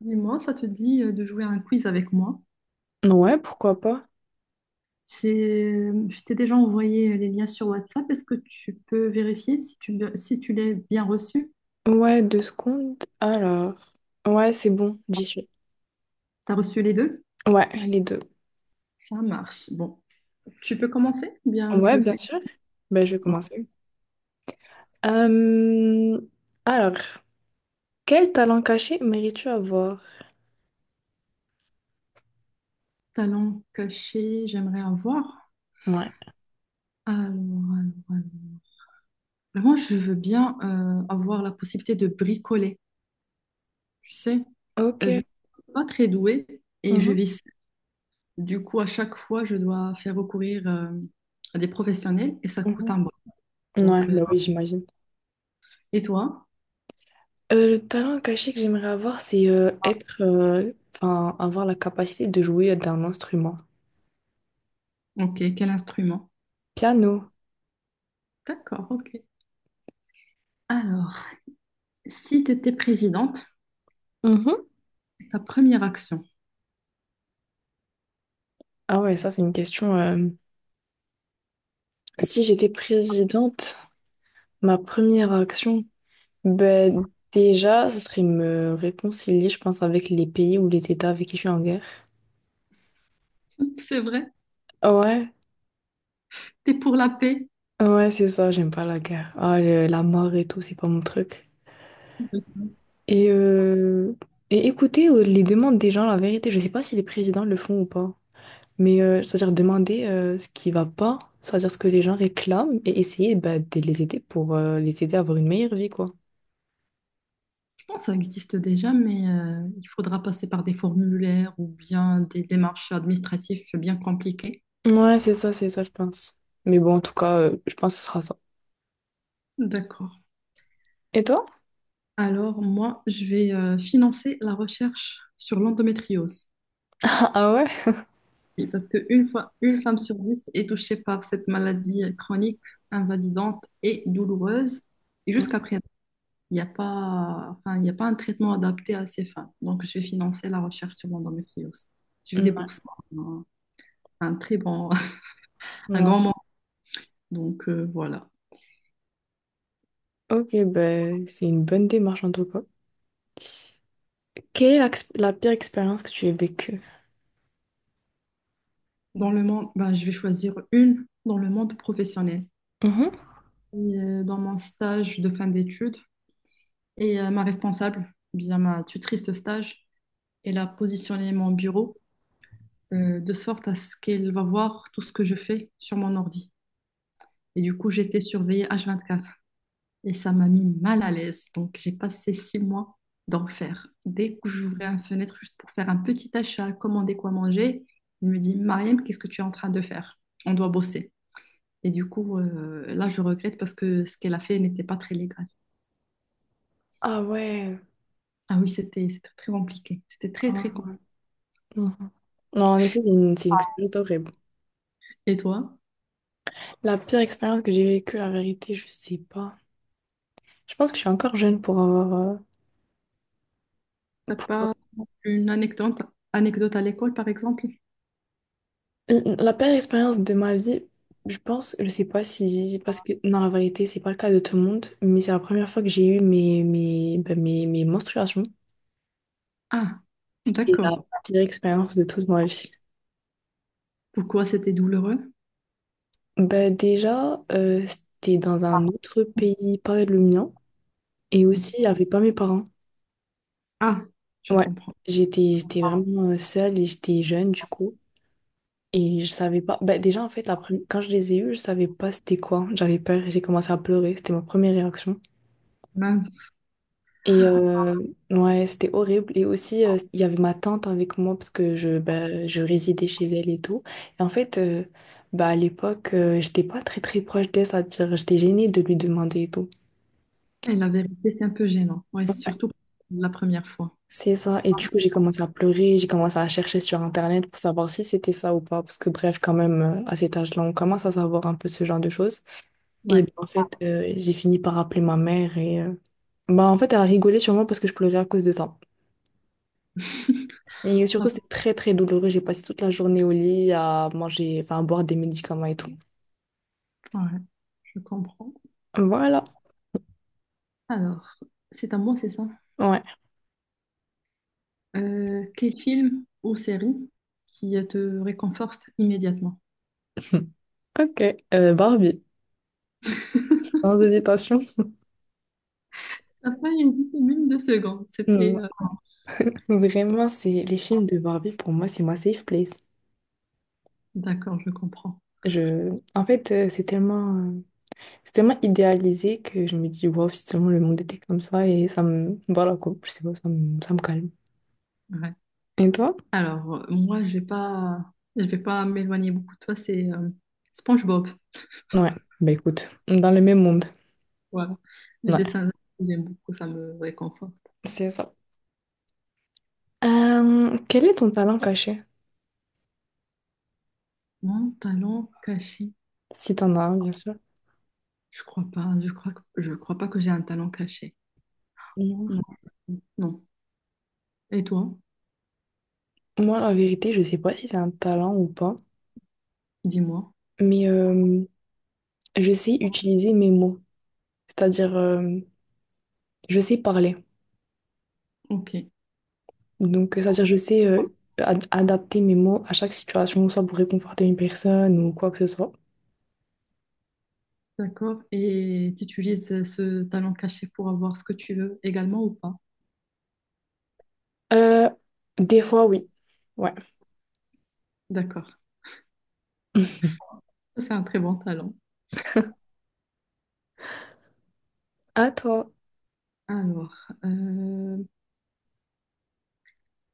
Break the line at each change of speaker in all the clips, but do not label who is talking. Dis-moi, ça te dit de jouer à un quiz avec moi?
Ouais, pourquoi pas.
Je t'ai déjà envoyé les liens sur WhatsApp. Est-ce que tu peux vérifier si tu l'as bien reçu?
Ouais, deux secondes. Alors. Ouais, c'est bon, j'y suis.
T'as reçu les deux?
Ouais, les deux.
Ça marche. Bon, tu peux commencer? Bien, je
Ouais,
le
bien
fais.
sûr. Ben, je vais
Bon.
commencer. Euh, Alors, quel talent caché mérites-tu avoir?
Talent caché, j'aimerais avoir.
Ouais.
Alors, alors, alors. Mais moi, je veux bien avoir la possibilité de bricoler. Tu sais, Je
Ok.
suis pas très douée et je
Mhm,
vis. Du coup, à chaque fois, je dois faire recourir à des professionnels et ça coûte
mhm.
un bras.
Ouais,
Donc,
ben oui, j'imagine.
et toi?
Le talent caché que j'aimerais avoir, c'est être, enfin, avoir la capacité de jouer d'un instrument.
Ok, quel instrument?
Piano.
D'accord, ok. Alors, si tu étais présidente,
Mhm.
ta première action.
Ah ouais, ça, c'est une question. Si j'étais présidente, ma première action. Ben, déjà, ça serait me réconcilier, je pense, avec les pays ou les États avec qui je suis en guerre.
C'est vrai,
Ouais,
t'es pour la paix.
ouais, c'est ça, j'aime pas la guerre. Ah, la mort et tout, c'est pas mon truc. Et, euh, et écouter les demandes des gens, la vérité, je sais pas si les présidents le font ou pas. Mais c'est-à-dire demander ce qui va pas, c'est-à-dire ce que les gens réclament et essayer bah, de les aider pour les aider à avoir une meilleure vie, quoi.
Je pense que ça existe déjà, mais il faudra passer par des formulaires ou bien des démarches administratives bien compliquées.
Ouais, c'est ça, je pense. Mais bon, en tout cas, je pense que ce sera ça.
D'accord.
Et toi?
Alors, moi, je vais financer la recherche sur l'endométriose.
Ah ouais?
Oui, parce qu'une fois, une femme sur 10 est touchée par cette maladie chronique, invalidante et douloureuse. Et jusqu'à présent, il n'y a pas, enfin, il n'y a pas un traitement adapté à ces femmes. Donc, je vais financer la recherche sur l'endométriose. Je vais
Mm,
débourser un, un très bon,
mm,
un grand
ouais.
montant. Donc, voilà.
Ok, ben, c'est une bonne démarche en tout cas. Quelle est la pire expérience que tu aies vécue?
Dans le monde, ben, je vais choisir une dans le monde professionnel.
Mhm.
Et, dans mon stage de fin d'études, et ma responsable, bien ma tutrice de stage, elle a positionné mon bureau de sorte à ce qu'elle va voir tout ce que je fais sur mon ordi. Et du coup, j'étais surveillée H24 et ça m'a mis mal à l'aise. Donc, j'ai passé 6 mois d'enfer. Dès que j'ouvrais une fenêtre juste pour faire un petit achat, commander quoi manger, il me dit Mariam, qu'est-ce que tu es en train de faire? On doit bosser. Et du coup, là, je regrette parce que ce qu'elle a fait n'était pas très légal.
Ah ouais.
Ah oui, c'était très compliqué. C'était très,
Ah
très
ouais.
compliqué.
Mhm. Non, en effet, c'est une expérience horrible.
Et toi,
La pire expérience que j'ai vécue, la vérité, je sais pas. Je pense que je suis encore jeune pour avoir...
t'as
pour- euh,
pas une anecdote à l'école, par exemple?
La pire expérience de ma vie, je pense, je sais pas si... Parce que, non, la vérité, c'est pas le cas de tout le monde, mais c'est la première fois que j'ai eu mes menstruations.
Ah,
C'était
d'accord.
la pire expérience de toute ma vie.
Pourquoi c'était douloureux?
Bah déjà, c'était dans un autre pays, pas le mien, et
Donc,
aussi il pas mes parents.
ah, je
Ouais,
comprends.
j'étais vraiment seule et j'étais jeune du coup, et je savais pas. Bah déjà en fait, la première quand je les ai eus, je savais pas c'était quoi. J'avais peur, et j'ai commencé à pleurer, c'était ma première réaction.
Mince.
Et ouais, c'était horrible. Et aussi il y avait ma tante avec moi parce que je bah, je résidais chez elle et tout. Et en fait, bah à l'époque, j'étais pas très très proche d'elle, c'est-à-dire j'étais gênée de lui demander et tout.
Et la vérité, c'est un peu gênant. Ouais, surtout la première fois.
C'est ça. Et du coup, j'ai commencé à pleurer, j'ai commencé à chercher sur Internet pour savoir si c'était ça ou pas. Parce que bref, quand même, à cet âge-là, on commence à savoir un peu ce genre de choses. Et
Ouais.
ben, en fait, j'ai fini par appeler ma mère et bah, en fait, elle a rigolé sur moi parce que je pleurais à cause de ça. Et
Ah,
surtout, c'est très très douloureux. J'ai passé toute la journée au lit à manger, enfin à boire des médicaments et tout.
bon? Ouais, je comprends.
Voilà.
Alors, c'est à moi, c'est ça.
Ouais.
Quel film ou série qui te réconforte immédiatement?
Ok. Barbie. Sans hésitation.
T'as pas hésité même 2 secondes. C'était
Mm. Vraiment, c'est les films de Barbie, pour moi, c'est ma safe place.
D'accord, je comprends.
Je... En fait, c'est tellement idéalisé que je me dis, wow, si seulement le monde était comme ça, et ça me. Voilà quoi, je sais pas, ça me calme.
Ouais.
Et toi?
Alors, moi, je vais pas m'éloigner beaucoup de toi. C'est SpongeBob.
Ouais, bah écoute, dans le même monde.
Voilà. Les
Ouais,
dessins, j'aime beaucoup, ça me réconforte.
c'est ça. Quel est ton talent caché?
Mon talent caché,
Si t'en as un, bien sûr.
je crois pas. Je crois pas que j'ai un talent caché.
Mhm.
Non. Non. Et toi,
Moi, la vérité, je sais pas si c'est un talent ou pas,
dis-moi.
mais je sais utiliser mes mots. C'est-à-dire, je sais parler.
Ok.
Donc, c'est-à-dire, je sais adapter mes mots à chaque situation, soit pour réconforter une personne ou quoi que ce soit.
D'accord. Et tu utilises ce talent caché pour avoir ce que tu veux également ou pas?
Euh, des fois, oui. Ouais.
D'accord. Ça, c'est un très bon talent.
À toi,
Alors, euh,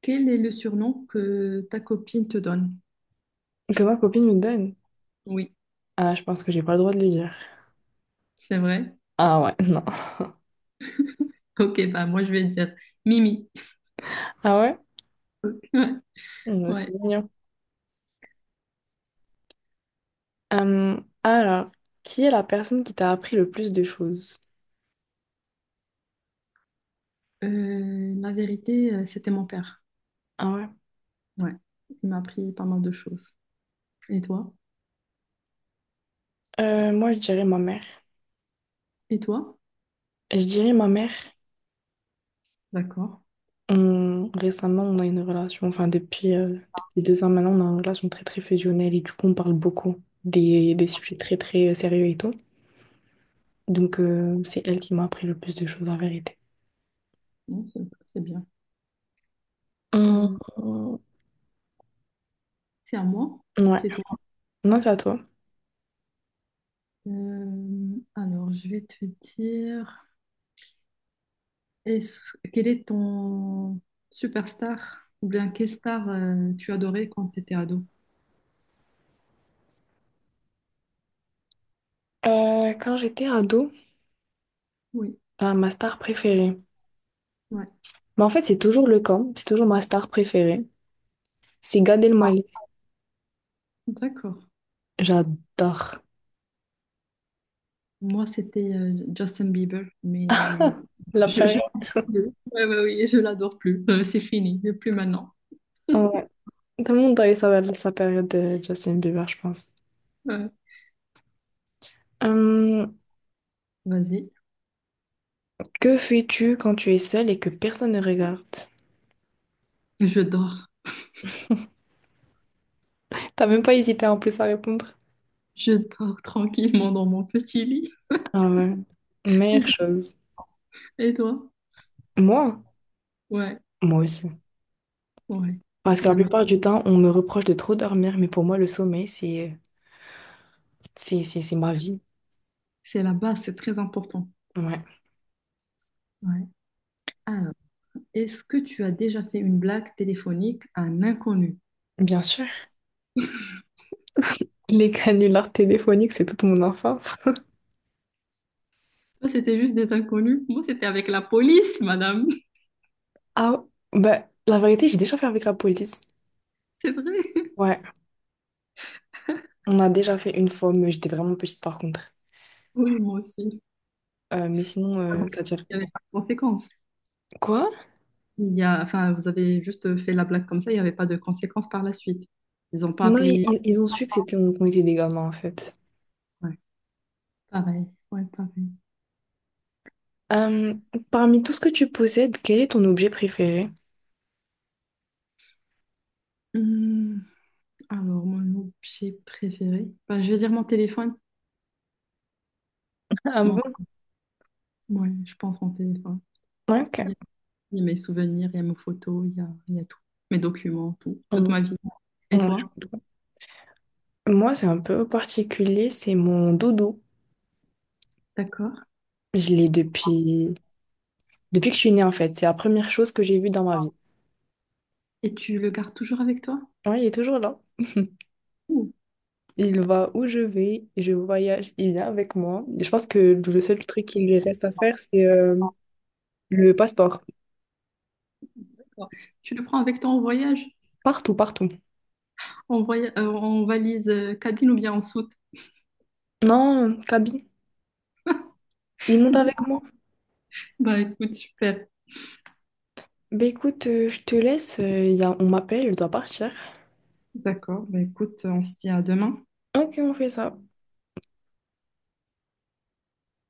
quel est le surnom que ta copine te donne?
que ma copine me donne.
Oui,
Ah, je pense que j'ai pas le droit de le dire.
c'est vrai.
Ah ouais, non.
Ok, bah moi je vais dire Mimi.
Ah ouais?
Ouais.
Hmm, c'est
Ouais.
mignon. Alors, qui est la personne qui t'a appris le plus de choses?
La vérité, c'était mon père.
Ah ouais.
Ouais. Il m'a appris pas mal de choses. Et toi?
Moi, je dirais ma mère.
Et toi?
Je dirais ma mère.
D'accord.
Récemment, on a une relation, enfin depuis, depuis 2 ans maintenant, on a une relation très très fusionnelle et du coup on parle beaucoup des sujets très très sérieux et tout. Donc c'est elle qui m'a appris le plus de choses en vérité.
Non, c'est bien.
Hum,
Euh,
hum,
c'est à moi?
ouais,
C'est toi.
non, c'est à toi.
Alors, je vais te dire, quel est ton superstar ou bien quelle star tu adorais quand tu étais ado?
Quand j'étais ado,
Oui,
bah, ma star préférée.
ouais,
Mais en fait, c'est toujours le cas, c'est toujours ma star préférée. C'est Gad Elmaleh.
d'accord.
J'adore.
Moi, c'était Justin Bieber, mais je,
La
je, je-
période.
ouais, ouais, oui, je l'adore plus. C'est fini, plus maintenant.
Ouais. Tout le monde a eu sa période de Justin Bieber, je pense.
Ouais. Vas-y,
Que fais-tu quand tu es seule et que personne ne regarde?
je dors.
T'as même pas hésité en plus à répondre.
Je dors tranquillement dans mon petit lit.
Ah ouais,
Et
meilleure
toi?
chose.
Et toi?
Moi?
Ouais.
Moi aussi.
Ouais,
Parce
c'est
que la
la,
plupart du temps, on me reproche de trop dormir, mais pour moi, le sommeil, c'est ma vie.
c'est la base, c'est très important.
Ouais,
Ouais. Alors, est-ce que tu as déjà fait une blague téléphonique à un inconnu?
bien sûr. Les canulars téléphoniques, c'est toute mon enfance.
Toi, c'était juste des inconnus. Moi, c'était avec la police, madame.
Ah, bah, la vérité, j'ai déjà fait avec la police.
C'est vrai.
Ouais, on a déjà fait une fois, mais j'étais vraiment petite par contre.
Oui, moi aussi.
Mais sinon, c'est-à-dire...
Il n'y avait pas de conséquences.
Quoi?
Enfin, vous avez juste fait la blague comme ça, il n'y avait pas de conséquences par la suite. Ils n'ont pas
Non,
appelé.
ils ont su que c'était, qu'on était des gamins, en fait.
Ouais, pareil. Ouais, pareil.
Euh, Parmi tout ce que tu possèdes, quel est ton objet préféré?
Hum, alors, mon objet préféré. Bah, je vais dire mon téléphone.
Ah
Mon-
bon?
ouais, je pense mon téléphone.
Ouais, ok.
Il y a mes souvenirs, il y a mes photos, il y a tout. Mes documents, tout. Toute
On-
ma vie. Et
on-
toi?
Moi, c'est un peu particulier, c'est mon doudou.
D'accord.
Je l'ai depuis... depuis que je suis née, en fait. C'est la première chose que j'ai vue dans ma vie.
Et tu le gardes toujours avec toi?
Oui, il est toujours là.
Ouh,
Il va où je vais, je voyage, il vient avec moi. Je pense que le seul truc qui lui reste à faire, c'est le passeport.
d'accord. Tu le prends avec toi en voyage?
Partout, partout.
En valise cabine ou bien en soute?
Non, Kaby, il monte avec
D'accord.
moi.
Bah écoute, super.
Bah écoute, je te laisse, on m'appelle, je dois partir.
D'accord. Bah écoute, on se dit à demain.
Ok, on fait ça.